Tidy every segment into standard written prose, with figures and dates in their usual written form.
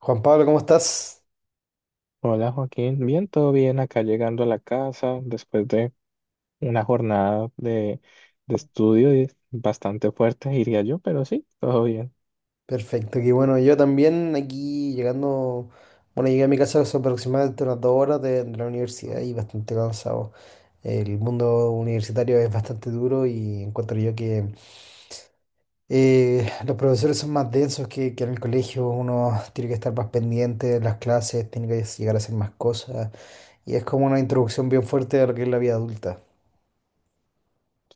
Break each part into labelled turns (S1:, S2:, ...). S1: Juan Pablo, ¿cómo estás?
S2: Hola Joaquín, bien, todo bien acá llegando a la casa después de una jornada de estudio y bastante fuerte, diría yo, pero sí, todo bien.
S1: Perfecto, qué bueno. Yo también aquí llegando, bueno, llegué a mi casa hace aproximadamente unas dos horas de la universidad y bastante cansado. El mundo universitario es bastante duro y encuentro yo que los profesores son más densos que en el colegio. Uno tiene que estar más pendiente de las clases, tiene que llegar a hacer más cosas y es como una introducción bien fuerte a lo que es la vida adulta.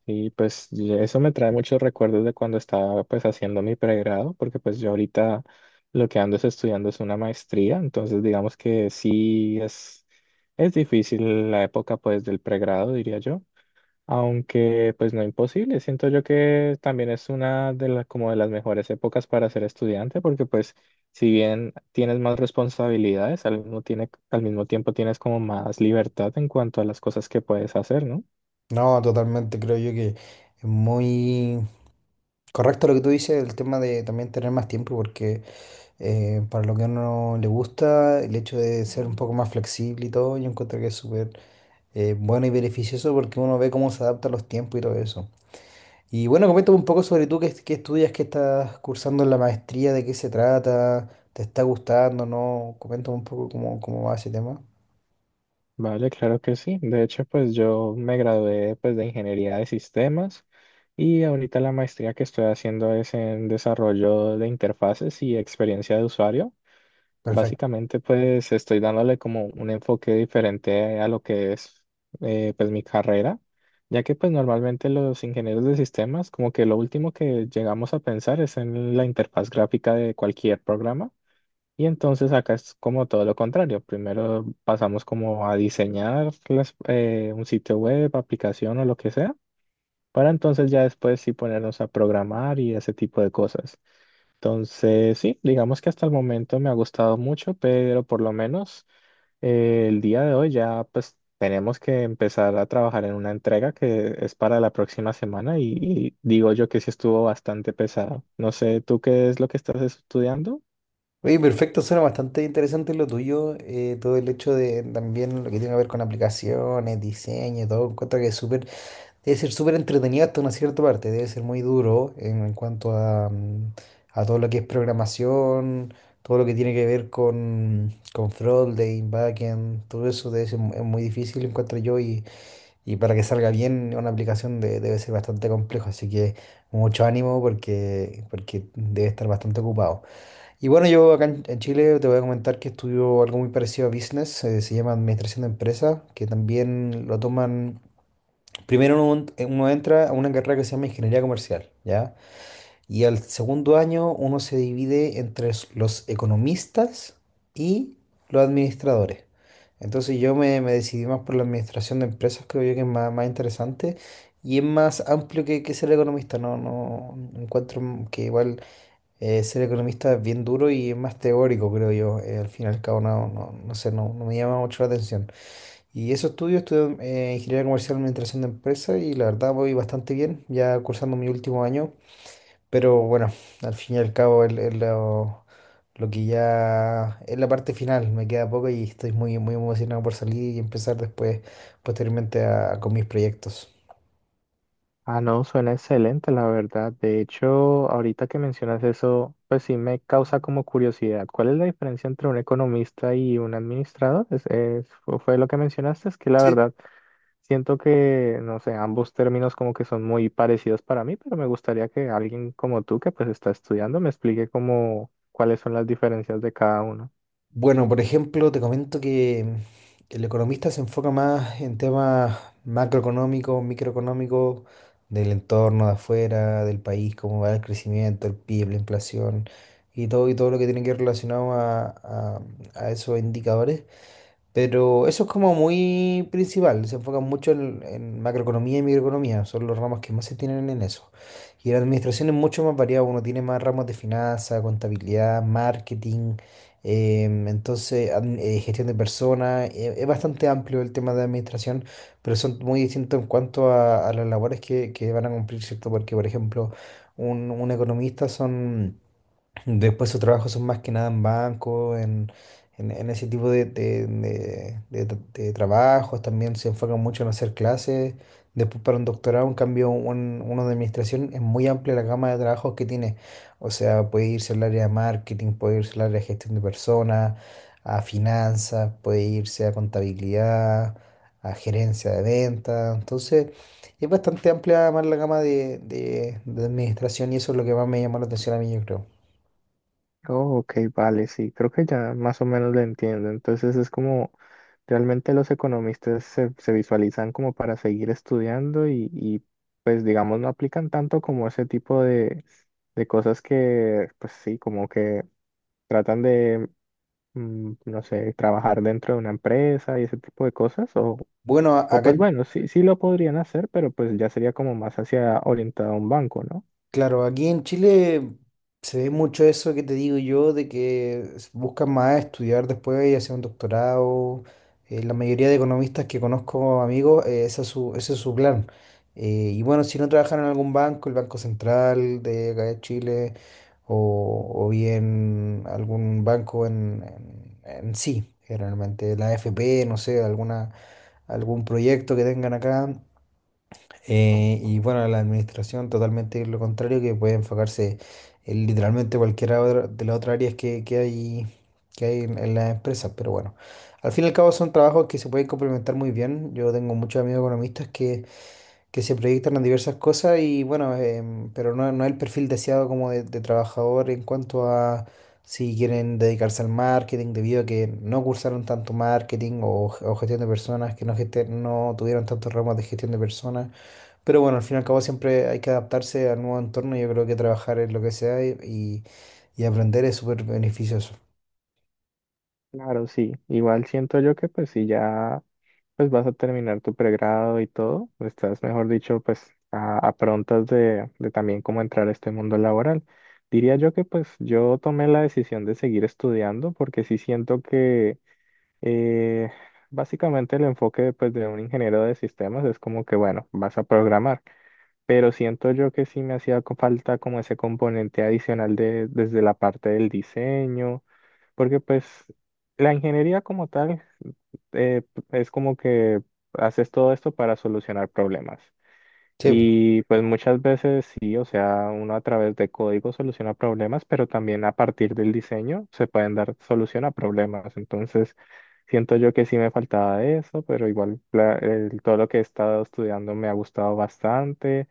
S2: Y eso me trae muchos recuerdos de cuando estaba pues haciendo mi pregrado, porque pues yo ahorita lo que ando es estudiando es una maestría, entonces digamos que es difícil la época pues del pregrado, diría yo. Aunque pues no imposible, siento yo que también es una de las como de las mejores épocas para ser estudiante, porque pues si bien tienes más responsabilidades, al mismo tiempo tienes como más libertad en cuanto a las cosas que puedes hacer, ¿no?
S1: No, totalmente, creo yo que es muy correcto lo que tú dices, el tema de también tener más tiempo, porque para lo que a uno le gusta, el hecho de ser un poco más flexible y todo, yo encuentro que es súper bueno y beneficioso porque uno ve cómo se adapta a los tiempos y todo eso. Y bueno, coméntame un poco sobre tú, qué, qué estudias, qué estás cursando en la maestría, de qué se trata, te está gustando, ¿no? Coméntame un poco cómo, cómo va ese tema.
S2: Vale, claro que sí. De hecho, pues yo me gradué pues de ingeniería de sistemas y ahorita la maestría que estoy haciendo es en desarrollo de interfaces y experiencia de usuario. Básicamente, pues estoy dándole como un enfoque diferente a lo que es pues mi carrera, ya que pues normalmente los ingenieros de sistemas como que lo último que llegamos a pensar es en la interfaz gráfica de cualquier programa y entonces acá es como todo lo contrario. Primero pasamos como a diseñar un sitio web, aplicación o lo que sea, para entonces ya después sí ponernos a programar y ese tipo de cosas. Entonces, sí, digamos que hasta el momento me ha gustado mucho, pero por lo menos el día de hoy ya pues tenemos que empezar a trabajar en una entrega que es para la próxima semana y digo yo que sí estuvo bastante pesado. No sé, ¿tú qué es lo que estás estudiando?
S1: Oye, perfecto, suena bastante interesante lo tuyo, todo el hecho de también lo que tiene que ver con aplicaciones, diseño y todo, encuentro que es súper, debe ser súper entretenido hasta una cierta parte, debe ser muy duro en cuanto a, a todo lo que es programación, todo lo que tiene que ver con frontend, backend, todo eso es muy difícil, encuentro yo, y para que salga bien debe ser bastante complejo, así que mucho ánimo porque, porque debe estar bastante ocupado. Y bueno, yo acá en Chile te voy a comentar que estudio algo muy parecido a business, se llama administración de empresas, que también lo toman, uno entra a una carrera que se llama ingeniería comercial, ¿ya? Y al segundo año uno se divide entre los economistas y los administradores. Entonces yo me decidí más por la administración de empresas, creo yo que es más, más interesante y es más amplio que ser economista, no, no encuentro que igual... ser economista es bien duro y es más teórico, creo yo. Eh, al fin y al cabo, no, no, no sé, no, no me llama mucho la atención. Y eso estudio, ingeniería comercial y administración de empresas y la verdad voy bastante bien, ya cursando mi último año. Pero bueno, al fin y al cabo es lo que ya es la parte final. Me queda poco y estoy muy, muy emocionado por salir y empezar después, posteriormente, con mis proyectos.
S2: Ah, no, suena excelente, la verdad. De hecho, ahorita que mencionas eso, pues sí me causa como curiosidad. ¿Cuál es la diferencia entre un economista y un administrador? Fue lo que mencionaste, es que la
S1: Sí.
S2: verdad... Siento que, no sé, ambos términos como que son muy parecidos para mí, pero me gustaría que alguien como tú que pues está estudiando me explique como cuáles son las diferencias de cada uno.
S1: Bueno, por ejemplo, te comento que el economista se enfoca más en temas macroeconómicos, microeconómicos, del entorno de afuera, del país, cómo va el crecimiento, el PIB, la inflación y todo lo que tiene que ir relacionado a esos indicadores. Pero eso es como muy principal, se enfocan mucho en macroeconomía y microeconomía, son los ramos que más se tienen en eso. Y la administración es mucho más variada, uno tiene más ramos de finanzas, contabilidad, marketing, entonces gestión de personas, es bastante amplio el tema de administración, pero son muy distintos en cuanto a las labores que van a cumplir, ¿cierto? Porque, por ejemplo, un economista son... Después sus trabajos son más que nada en banco, en, en ese tipo de trabajos. También se enfocan mucho en hacer clases. Después para un doctorado, en cambio, uno de administración es muy amplia la gama de trabajos que tiene. O sea, puede irse al área de marketing, puede irse al área de gestión de personas, a finanzas, puede irse a contabilidad, a gerencia de ventas. Entonces, es bastante amplia más la gama de de administración y eso es lo que más me llamó la atención a mí, yo creo.
S2: Oh, ok, vale, sí, creo que ya más o menos lo entiendo. Entonces es como realmente los economistas se visualizan como para seguir estudiando pues digamos no aplican tanto como ese tipo de cosas que pues sí, como que tratan de no sé, trabajar dentro de una empresa y ese tipo de cosas,
S1: Bueno, a-
S2: o
S1: acá,
S2: pues
S1: en-
S2: bueno, sí, sí lo podrían hacer, pero pues ya sería como más hacia orientado a un banco, ¿no?
S1: claro, aquí en Chile se ve mucho eso que te digo yo, de que buscan más estudiar después y hacer un doctorado. La mayoría de economistas que conozco, amigos, ese es su plan. Y bueno, si no trabajan en algún banco, el Banco Central de acá de Chile, o bien algún banco en sí, generalmente la AFP, no sé, alguna, algún proyecto que tengan acá. Y bueno, la administración totalmente lo contrario, que puede enfocarse en literalmente de las otras áreas que hay en las empresas. Pero bueno, al fin y al cabo son trabajos que se pueden complementar muy bien. Yo tengo muchos amigos economistas que se proyectan en diversas cosas y bueno, em, pero no, no es el perfil deseado como de trabajador en cuanto a si quieren dedicarse al marketing debido a que no cursaron tanto marketing o gestión de personas, que no, gesten- no tuvieron tantos ramos de gestión de personas. Pero bueno, al fin y al cabo siempre hay que adaptarse al nuevo entorno. Yo creo que trabajar en lo que sea y aprender es súper beneficioso.
S2: Claro, sí, igual siento yo que pues si ya pues vas a terminar tu pregrado y todo, estás, mejor dicho, pues a prontas de también cómo entrar a este mundo laboral. Diría yo que pues yo tomé la decisión de seguir estudiando porque sí siento que Eh, básicamente el enfoque pues, de un ingeniero de sistemas es como que, bueno, vas a programar, pero siento yo que sí me falta como ese componente adicional de, desde la parte del diseño, porque pues la ingeniería como tal es como que haces todo esto para solucionar problemas.
S1: Sí, po.
S2: Y pues muchas veces sí, o sea, uno a través de código soluciona problemas, pero también a partir del diseño se pueden dar solución a problemas. Entonces, siento yo que sí me faltaba de eso, pero igual todo lo que he estado estudiando me ha gustado bastante.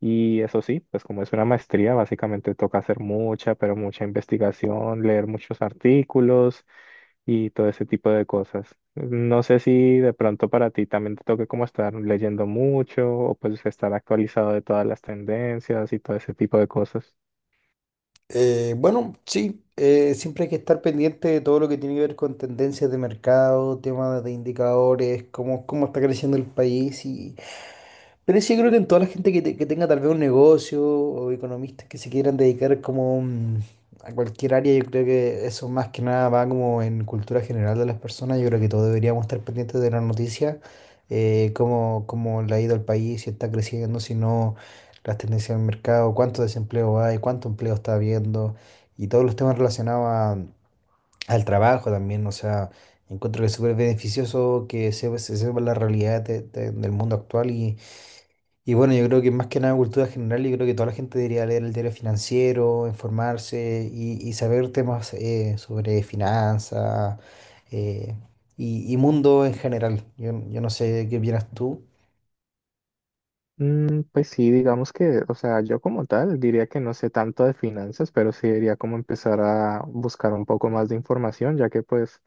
S2: Y eso sí, pues como es una maestría, básicamente toca hacer mucha, pero mucha investigación, leer muchos artículos y todo ese tipo de cosas. No sé si de pronto para ti también te toque como estar leyendo mucho o pues estar actualizado de todas las tendencias y todo ese tipo de cosas.
S1: Bueno, sí, siempre hay que estar pendiente de todo lo que tiene que ver con tendencias de mercado, temas de indicadores, cómo, cómo está creciendo el país y... Pero sí, creo que en toda la gente que tenga tal vez un negocio o economistas que se quieran dedicar como mm, a cualquier área, yo creo que eso más que nada va como en cultura general de las personas. Yo creo que todos deberíamos estar pendientes de las noticias, cómo, cómo le ha ido al país, si está creciendo, si no, las tendencias del mercado, cuánto desempleo hay, cuánto empleo está habiendo y todos los temas relacionados al trabajo también. O sea, encuentro que es súper beneficioso que se sepa la realidad del mundo actual y bueno, yo creo que más que nada cultura general, yo creo que toda la gente debería leer el diario financiero, informarse y saber temas sobre finanzas eh, y mundo en general. Yo no sé qué opinas tú.
S2: Mm, pues sí, digamos que, o sea, yo como tal diría que no sé tanto de finanzas, pero sí diría como empezar a buscar un poco más de información, ya que pues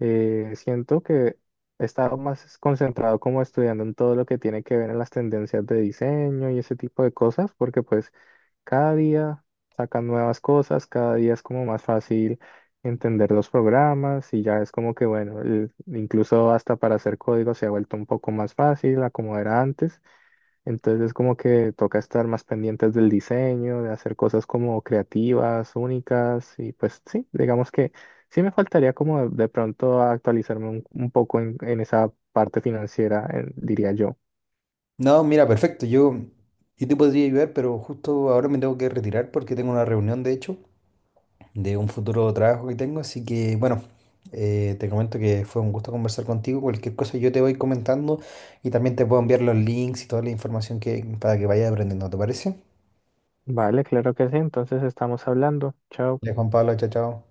S2: siento que he estado más concentrado como estudiando en todo lo que tiene que ver en las tendencias de diseño y ese tipo de cosas, porque pues cada día sacan nuevas cosas, cada día es como más fácil entender los programas y ya es como que, bueno, incluso hasta para hacer código se ha vuelto un poco más fácil a como era antes. Entonces como que toca estar más pendientes del diseño, de hacer cosas como creativas, únicas y pues sí, digamos que sí me faltaría como de pronto actualizarme un poco en esa parte financiera, diría yo.
S1: No, mira, perfecto. Yo te podría ayudar, pero justo ahora me tengo que retirar porque tengo una reunión, de hecho, de un futuro trabajo que tengo. Así que, bueno, te comento que fue un gusto conversar contigo. Cualquier cosa yo te voy comentando y también te puedo enviar los links y toda la información que, para que vayas aprendiendo, ¿te parece?
S2: Vale, claro que sí, entonces estamos hablando. Chao.
S1: Ya, Juan Pablo, chao, chao.